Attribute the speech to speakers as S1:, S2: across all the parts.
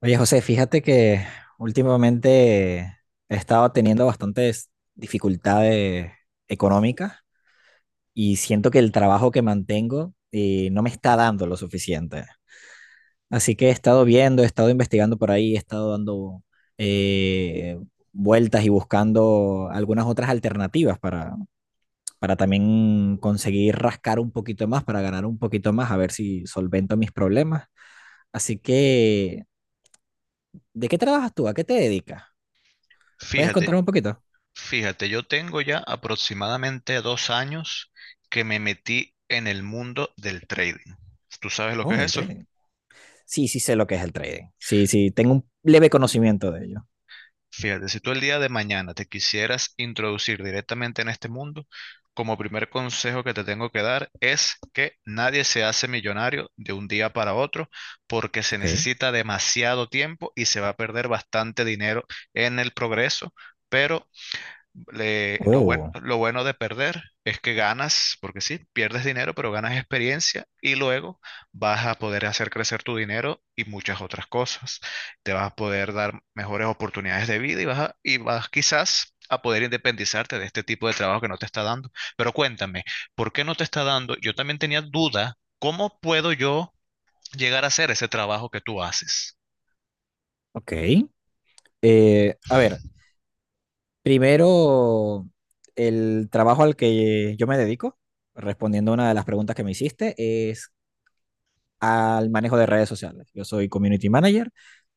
S1: Oye, José, fíjate que últimamente he estado teniendo bastantes dificultades económicas y siento que el trabajo que mantengo no me está dando lo suficiente. Así que he estado viendo, he estado investigando por ahí, he estado dando eh, vueltas y buscando algunas otras alternativas para también conseguir rascar un poquito más, para ganar un poquito más, a ver si solvento mis problemas. Así que, ¿de qué trabajas tú? ¿A qué te dedicas? ¿Puedes
S2: Fíjate,
S1: contarme un poquito?
S2: fíjate, yo tengo ya aproximadamente 2 años que me metí en el mundo del trading. ¿Tú sabes lo que
S1: Oh,
S2: es
S1: del
S2: eso?
S1: trading. Sí, sí sé lo que es el trading. Sí, sí, tengo un leve conocimiento de ello.
S2: Fíjate, si tú el día de mañana te quisieras introducir directamente en este mundo, como primer consejo que te tengo que dar es que nadie se hace millonario de un día para otro porque se
S1: Ok.
S2: necesita demasiado tiempo y se va a perder bastante dinero en el progreso, pero
S1: Oh,
S2: lo bueno de perder es que ganas, porque sí, pierdes dinero, pero ganas experiencia y luego vas a poder hacer crecer tu dinero y muchas otras cosas. Te vas a poder dar mejores oportunidades de vida y y vas quizás a poder independizarte de este tipo de trabajo que no te está dando. Pero cuéntame, ¿por qué no te está dando? Yo también tenía duda, ¿cómo puedo yo llegar a hacer ese trabajo que tú haces?
S1: ok. A ver, primero, el trabajo al que yo me dedico, respondiendo a una de las preguntas que me hiciste, es al manejo de redes sociales. Yo soy community manager,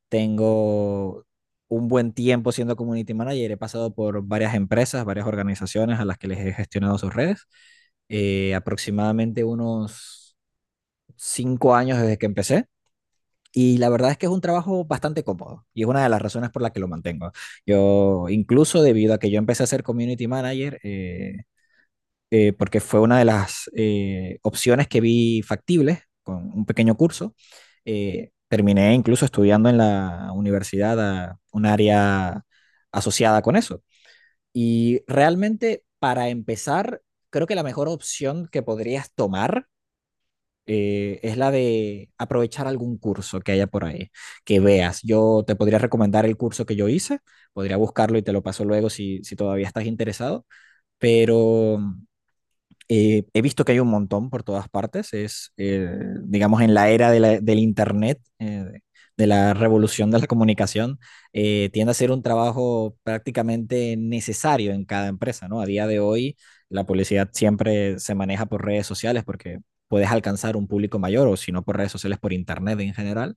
S1: tengo un buen tiempo siendo community manager, he pasado por varias empresas, varias organizaciones a las que les he gestionado sus redes, aproximadamente unos 5 años desde que empecé. Y la verdad es que es un trabajo bastante cómodo y es una de las razones por las que lo mantengo. Yo, incluso debido a que yo empecé a ser community manager, porque fue una de las opciones que vi factibles con un pequeño curso, terminé incluso estudiando en la universidad a un área asociada con eso. Y realmente, para empezar, creo que la mejor opción que podrías tomar es la de aprovechar algún curso que haya por ahí, que veas. Yo te podría recomendar el curso que yo hice, podría buscarlo y te lo paso luego si, si todavía estás interesado, pero he visto que hay un montón por todas partes. Es, digamos, en la era de del Internet, de la revolución de la comunicación, tiende a ser un trabajo prácticamente necesario en cada empresa, ¿no? A día de hoy, la publicidad siempre se maneja por redes sociales porque puedes alcanzar un público mayor o si no por redes sociales, por Internet en general.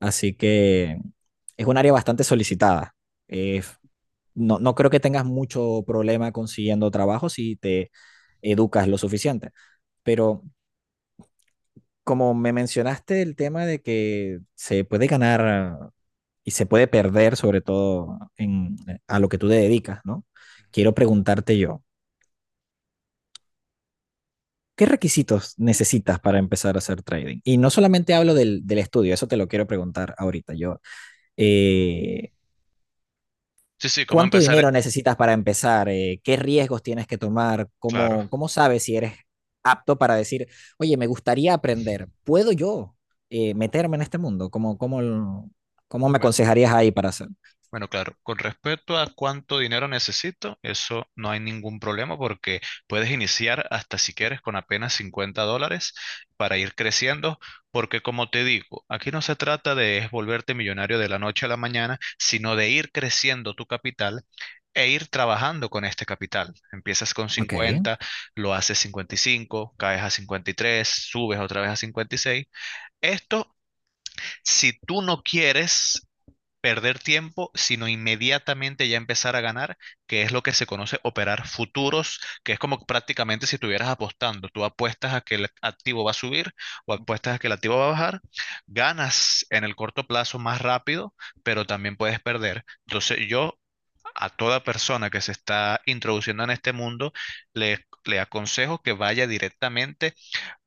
S1: Así que es un área bastante solicitada. Eh, no, no creo que tengas mucho problema consiguiendo trabajo si te educas lo suficiente. Pero como me mencionaste el tema de que se puede ganar y se puede perder, sobre todo en, a lo que tú te dedicas, ¿no?
S2: Ujú.
S1: Quiero preguntarte yo, ¿qué requisitos necesitas para empezar a hacer trading? Y no solamente hablo del, del estudio, eso te lo quiero preguntar ahorita. Yo, eh,
S2: Sí, sí, cómo
S1: ¿cuánto
S2: empezar,
S1: dinero necesitas para empezar? ¿Qué riesgos tienes que tomar?
S2: claro.
S1: ¿Cómo, cómo sabes si eres apto para decir, oye, me gustaría aprender? ¿Puedo yo meterme en este mundo? ¿Cómo, cómo, cómo me
S2: bue-
S1: aconsejarías ahí para hacer?
S2: Bueno, claro, con respecto a cuánto dinero necesito, eso no hay ningún problema porque puedes iniciar hasta si quieres con apenas $50 para ir creciendo, porque como te digo, aquí no se trata de es volverte millonario de la noche a la mañana, sino de ir creciendo tu capital e ir trabajando con este capital. Empiezas con
S1: Ok,
S2: 50, lo haces 55, caes a 53, subes otra vez a 56. Esto Si tú no quieres perder tiempo, sino inmediatamente ya empezar a ganar, que es lo que se conoce operar futuros, que es como prácticamente si estuvieras apostando, tú apuestas a que el activo va a subir o apuestas a que el activo va a bajar, ganas en el corto plazo más rápido, pero también puedes perder. Entonces yo, a toda persona que se está introduciendo en este mundo, le aconsejo que vaya directamente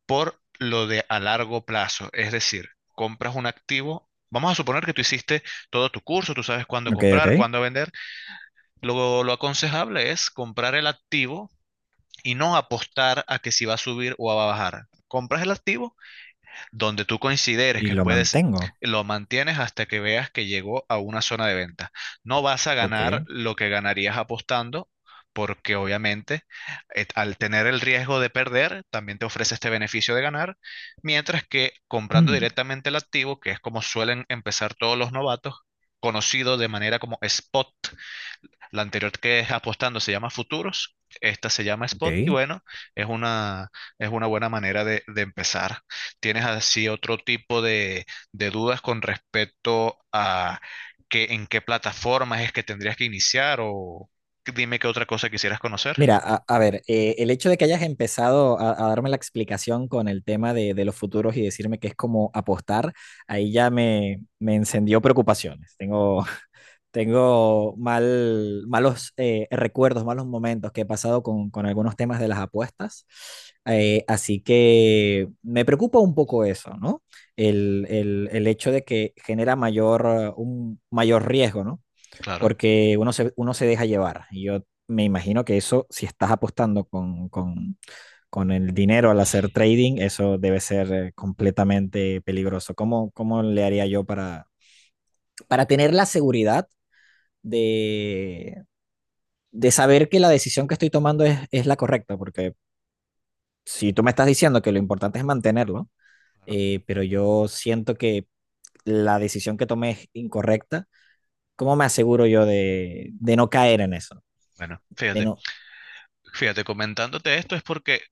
S2: por lo de a largo plazo. Es decir, compras un activo. Vamos a suponer que tú hiciste todo tu curso, tú sabes cuándo
S1: ok,
S2: comprar,
S1: ok.
S2: cuándo vender. Lo aconsejable es comprar el activo y no apostar a que si va a subir o va a bajar. Compras el activo donde tú consideres
S1: Y
S2: que
S1: lo
S2: puedes,
S1: mantengo.
S2: lo mantienes hasta que veas que llegó a una zona de venta. No vas a ganar
S1: Ok.
S2: lo que ganarías apostando, porque obviamente al tener el riesgo de perder, también te ofrece este beneficio de ganar, mientras que comprando
S1: Mm,
S2: directamente el activo, que es como suelen empezar todos los novatos, conocido de manera como spot. La anterior, que es apostando, se llama futuros; esta se llama spot. Y
S1: ok.
S2: bueno, es una, es una buena manera de empezar. ¿Tienes así otro tipo de dudas con respecto a que, en qué plataformas es que tendrías que iniciar? O dime, ¿qué otra cosa quisieras conocer?
S1: Mira, a ver, el hecho de que hayas empezado a darme la explicación con el tema de los futuros y decirme que es como apostar, ahí ya me encendió preocupaciones. Tengo, tengo mal, malos recuerdos, malos momentos que he pasado con algunos temas de las apuestas. Así que me preocupa un poco eso, ¿no? El, el hecho de que genera mayor, un mayor riesgo, ¿no?
S2: Claro,
S1: Porque uno se deja llevar. Y yo me imagino que eso, si estás apostando con el dinero al hacer trading, eso debe ser completamente peligroso. ¿Cómo, cómo le haría yo para tener la seguridad? de, de saber que la decisión que estoy tomando es la correcta, porque si tú me estás diciendo que lo importante es mantenerlo,
S2: claro.
S1: pero yo siento que la decisión que tomé es incorrecta, ¿cómo me aseguro yo de no caer en eso?
S2: Bueno,
S1: De
S2: fíjate.
S1: no.
S2: Fíjate, comentándote esto es porque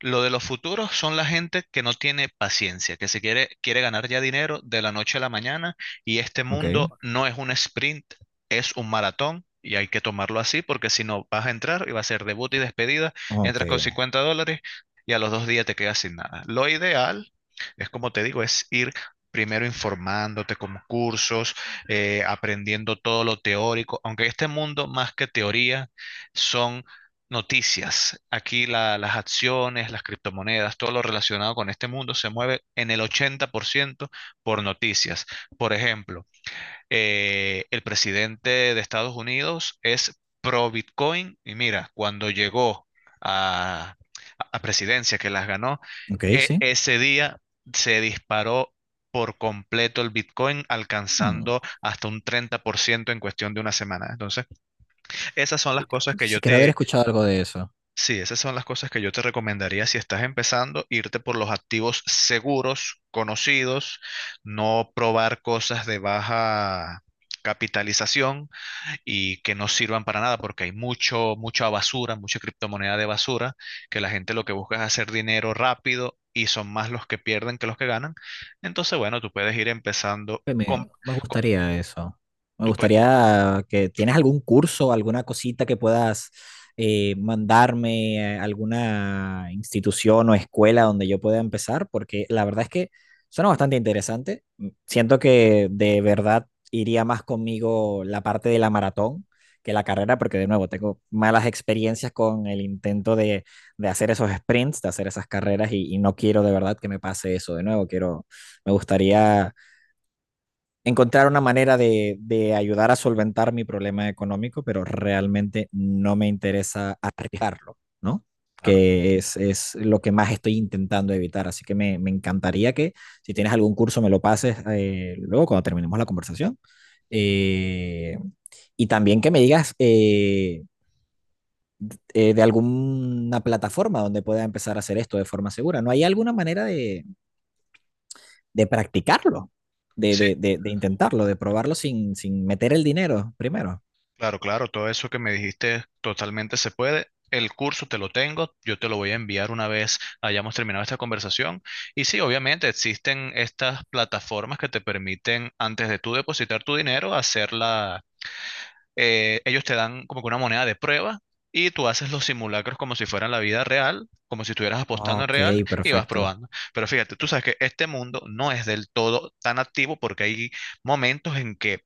S2: lo de los futuros son la gente que no tiene paciencia, que se quiere ganar ya dinero de la noche a la mañana, y este
S1: Ok,
S2: mundo no es un sprint, es un maratón, y hay que tomarlo así porque si no vas a entrar y va a ser debut y despedida.
S1: ok,
S2: Entras con $50 y a los 2 días te quedas sin nada. Lo ideal es, como te digo, es ir primero informándote con cursos, aprendiendo todo lo teórico, aunque este mundo, más que teoría, son noticias. Aquí las acciones, las criptomonedas, todo lo relacionado con este mundo se mueve en el 80% por noticias. Por ejemplo, el presidente de Estados Unidos es pro Bitcoin y mira, cuando llegó a, a presidencia, que las ganó,
S1: ok, sí.
S2: ese día se disparó por completo el Bitcoin,
S1: Hmm.
S2: alcanzando hasta un 30% en cuestión de una semana. Entonces, esas son las cosas que yo
S1: Sí, quiero haber
S2: te...
S1: escuchado algo de eso.
S2: Sí, esas son las cosas que yo te recomendaría si estás empezando: irte por los activos seguros, conocidos, no probar cosas de baja capitalización y que no sirvan para nada, porque hay mucha basura, mucha criptomoneda de basura, que la gente lo que busca es hacer dinero rápido, y son más los que pierden que los que ganan. Entonces, bueno, tú puedes ir empezando
S1: Que
S2: con...
S1: me
S2: con-
S1: gustaría eso. Me
S2: tú pue-
S1: gustaría que tienes algún curso, alguna cosita que puedas mandarme, a alguna institución o escuela donde yo pueda empezar, porque la verdad es que suena bastante interesante. Siento que de verdad iría más conmigo la parte de la maratón que la carrera, porque de nuevo tengo malas experiencias con el intento de hacer esos sprints, de hacer esas carreras y no quiero de verdad que me pase eso de nuevo. Quiero, me gustaría encontrar una manera de ayudar a solventar mi problema económico, pero realmente no me interesa arriesgarlo, ¿no?
S2: claro.
S1: Que es, lo que más estoy intentando evitar. Así que me encantaría que si tienes algún curso me lo pases luego cuando terminemos la conversación. Eh, y también que me digas de alguna plataforma donde pueda empezar a hacer esto de forma segura. ¿No hay alguna manera de practicarlo,
S2: Sí,
S1: de intentarlo, de probarlo sin, sin meter el dinero primero.
S2: claro, claro, todo eso que me dijiste totalmente se puede. El curso te lo tengo, yo te lo voy a enviar una vez hayamos terminado esta conversación. Y sí, obviamente existen estas plataformas que te permiten, antes de tú depositar tu dinero, hacerla. Ellos te dan como que una moneda de prueba y tú haces los simulacros como si fueran la vida real, como si estuvieras apostando en
S1: Ok,
S2: real, y vas
S1: perfecto.
S2: probando. Pero fíjate, tú sabes que este mundo no es del todo tan activo, porque hay momentos en que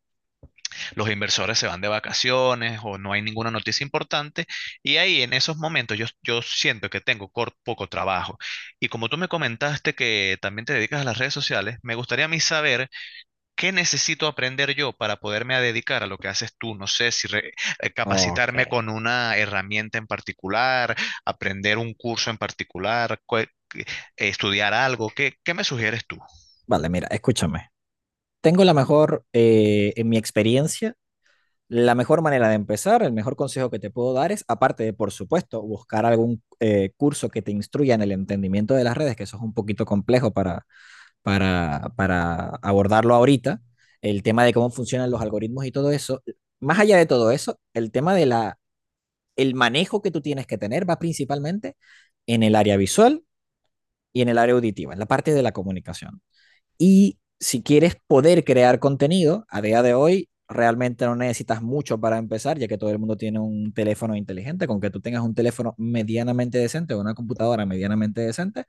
S2: los inversores se van de vacaciones o no hay ninguna noticia importante, y ahí en esos momentos yo, yo siento que tengo poco trabajo. Y como tú me comentaste que también te dedicas a las redes sociales, me gustaría a mí saber qué necesito aprender yo para poderme a dedicar a lo que haces tú. No sé si
S1: Ok.
S2: capacitarme con una herramienta en particular, aprender un curso en particular, eh, estudiar algo. ¿Qué, qué me sugieres tú?
S1: Vale, mira, escúchame. Tengo la mejor, en mi experiencia, la mejor manera de empezar, el mejor consejo que te puedo dar es, aparte de, por supuesto, buscar algún curso que te instruya en el entendimiento de las redes, que eso es un poquito complejo para abordarlo ahorita, el tema de cómo funcionan los algoritmos y todo eso. Más allá de todo eso, el tema de la el manejo que tú tienes que tener va principalmente en el área visual y en el área auditiva, en la parte de la comunicación. Y si quieres poder crear contenido, a día de hoy realmente no necesitas mucho para empezar, ya que todo el mundo tiene un teléfono inteligente, con que tú tengas un teléfono medianamente decente o una computadora medianamente decente,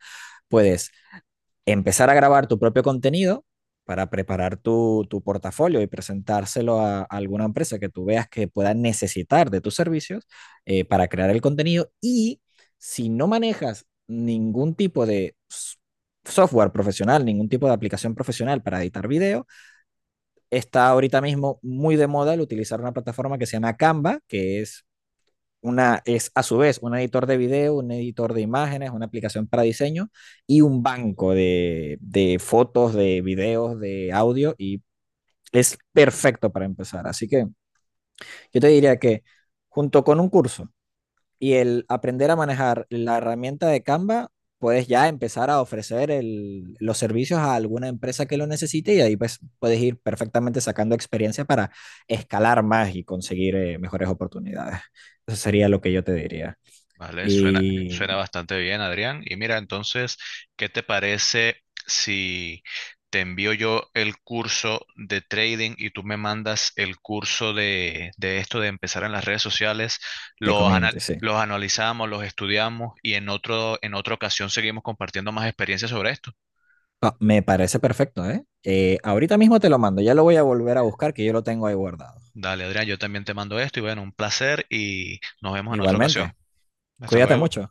S1: puedes empezar a grabar tu propio contenido para preparar tu, tu portafolio y presentárselo a alguna empresa que tú veas que pueda necesitar de tus servicios para crear el contenido. Y si no manejas ningún tipo de software profesional, ningún tipo de aplicación profesional para editar video, está ahorita mismo muy de moda el utilizar una plataforma que se llama Canva, que es una, es a su vez un editor de video, un editor de imágenes, una aplicación para diseño y un banco de fotos, de videos, de audio y es perfecto para empezar. Así que yo te diría que junto con un curso y el aprender a manejar la herramienta de Canva, puedes ya empezar a ofrecer el, los servicios a alguna empresa que lo necesite y ahí pues puedes ir perfectamente sacando experiencia para escalar más y conseguir mejores oportunidades. Eso sería lo que yo te diría.
S2: Vale, suena,
S1: Y
S2: suena bastante bien, Adrián. Y mira, entonces, ¿qué te parece si te envío yo el curso de trading y tú me mandas el curso de esto de empezar en las redes sociales?
S1: de
S2: Los, ana-
S1: community, sí.
S2: los analizamos, los estudiamos, y en otro, en otra ocasión seguimos compartiendo más experiencias sobre esto.
S1: Ah, me parece perfecto, ¿eh? Ahorita mismo te lo mando, ya lo voy a volver a buscar, que yo lo tengo ahí guardado.
S2: Dale, Adrián, yo también te mando esto y bueno, un placer y nos vemos en otra ocasión.
S1: Igualmente,
S2: Hasta
S1: cuídate
S2: luego.
S1: mucho. ¿Eh?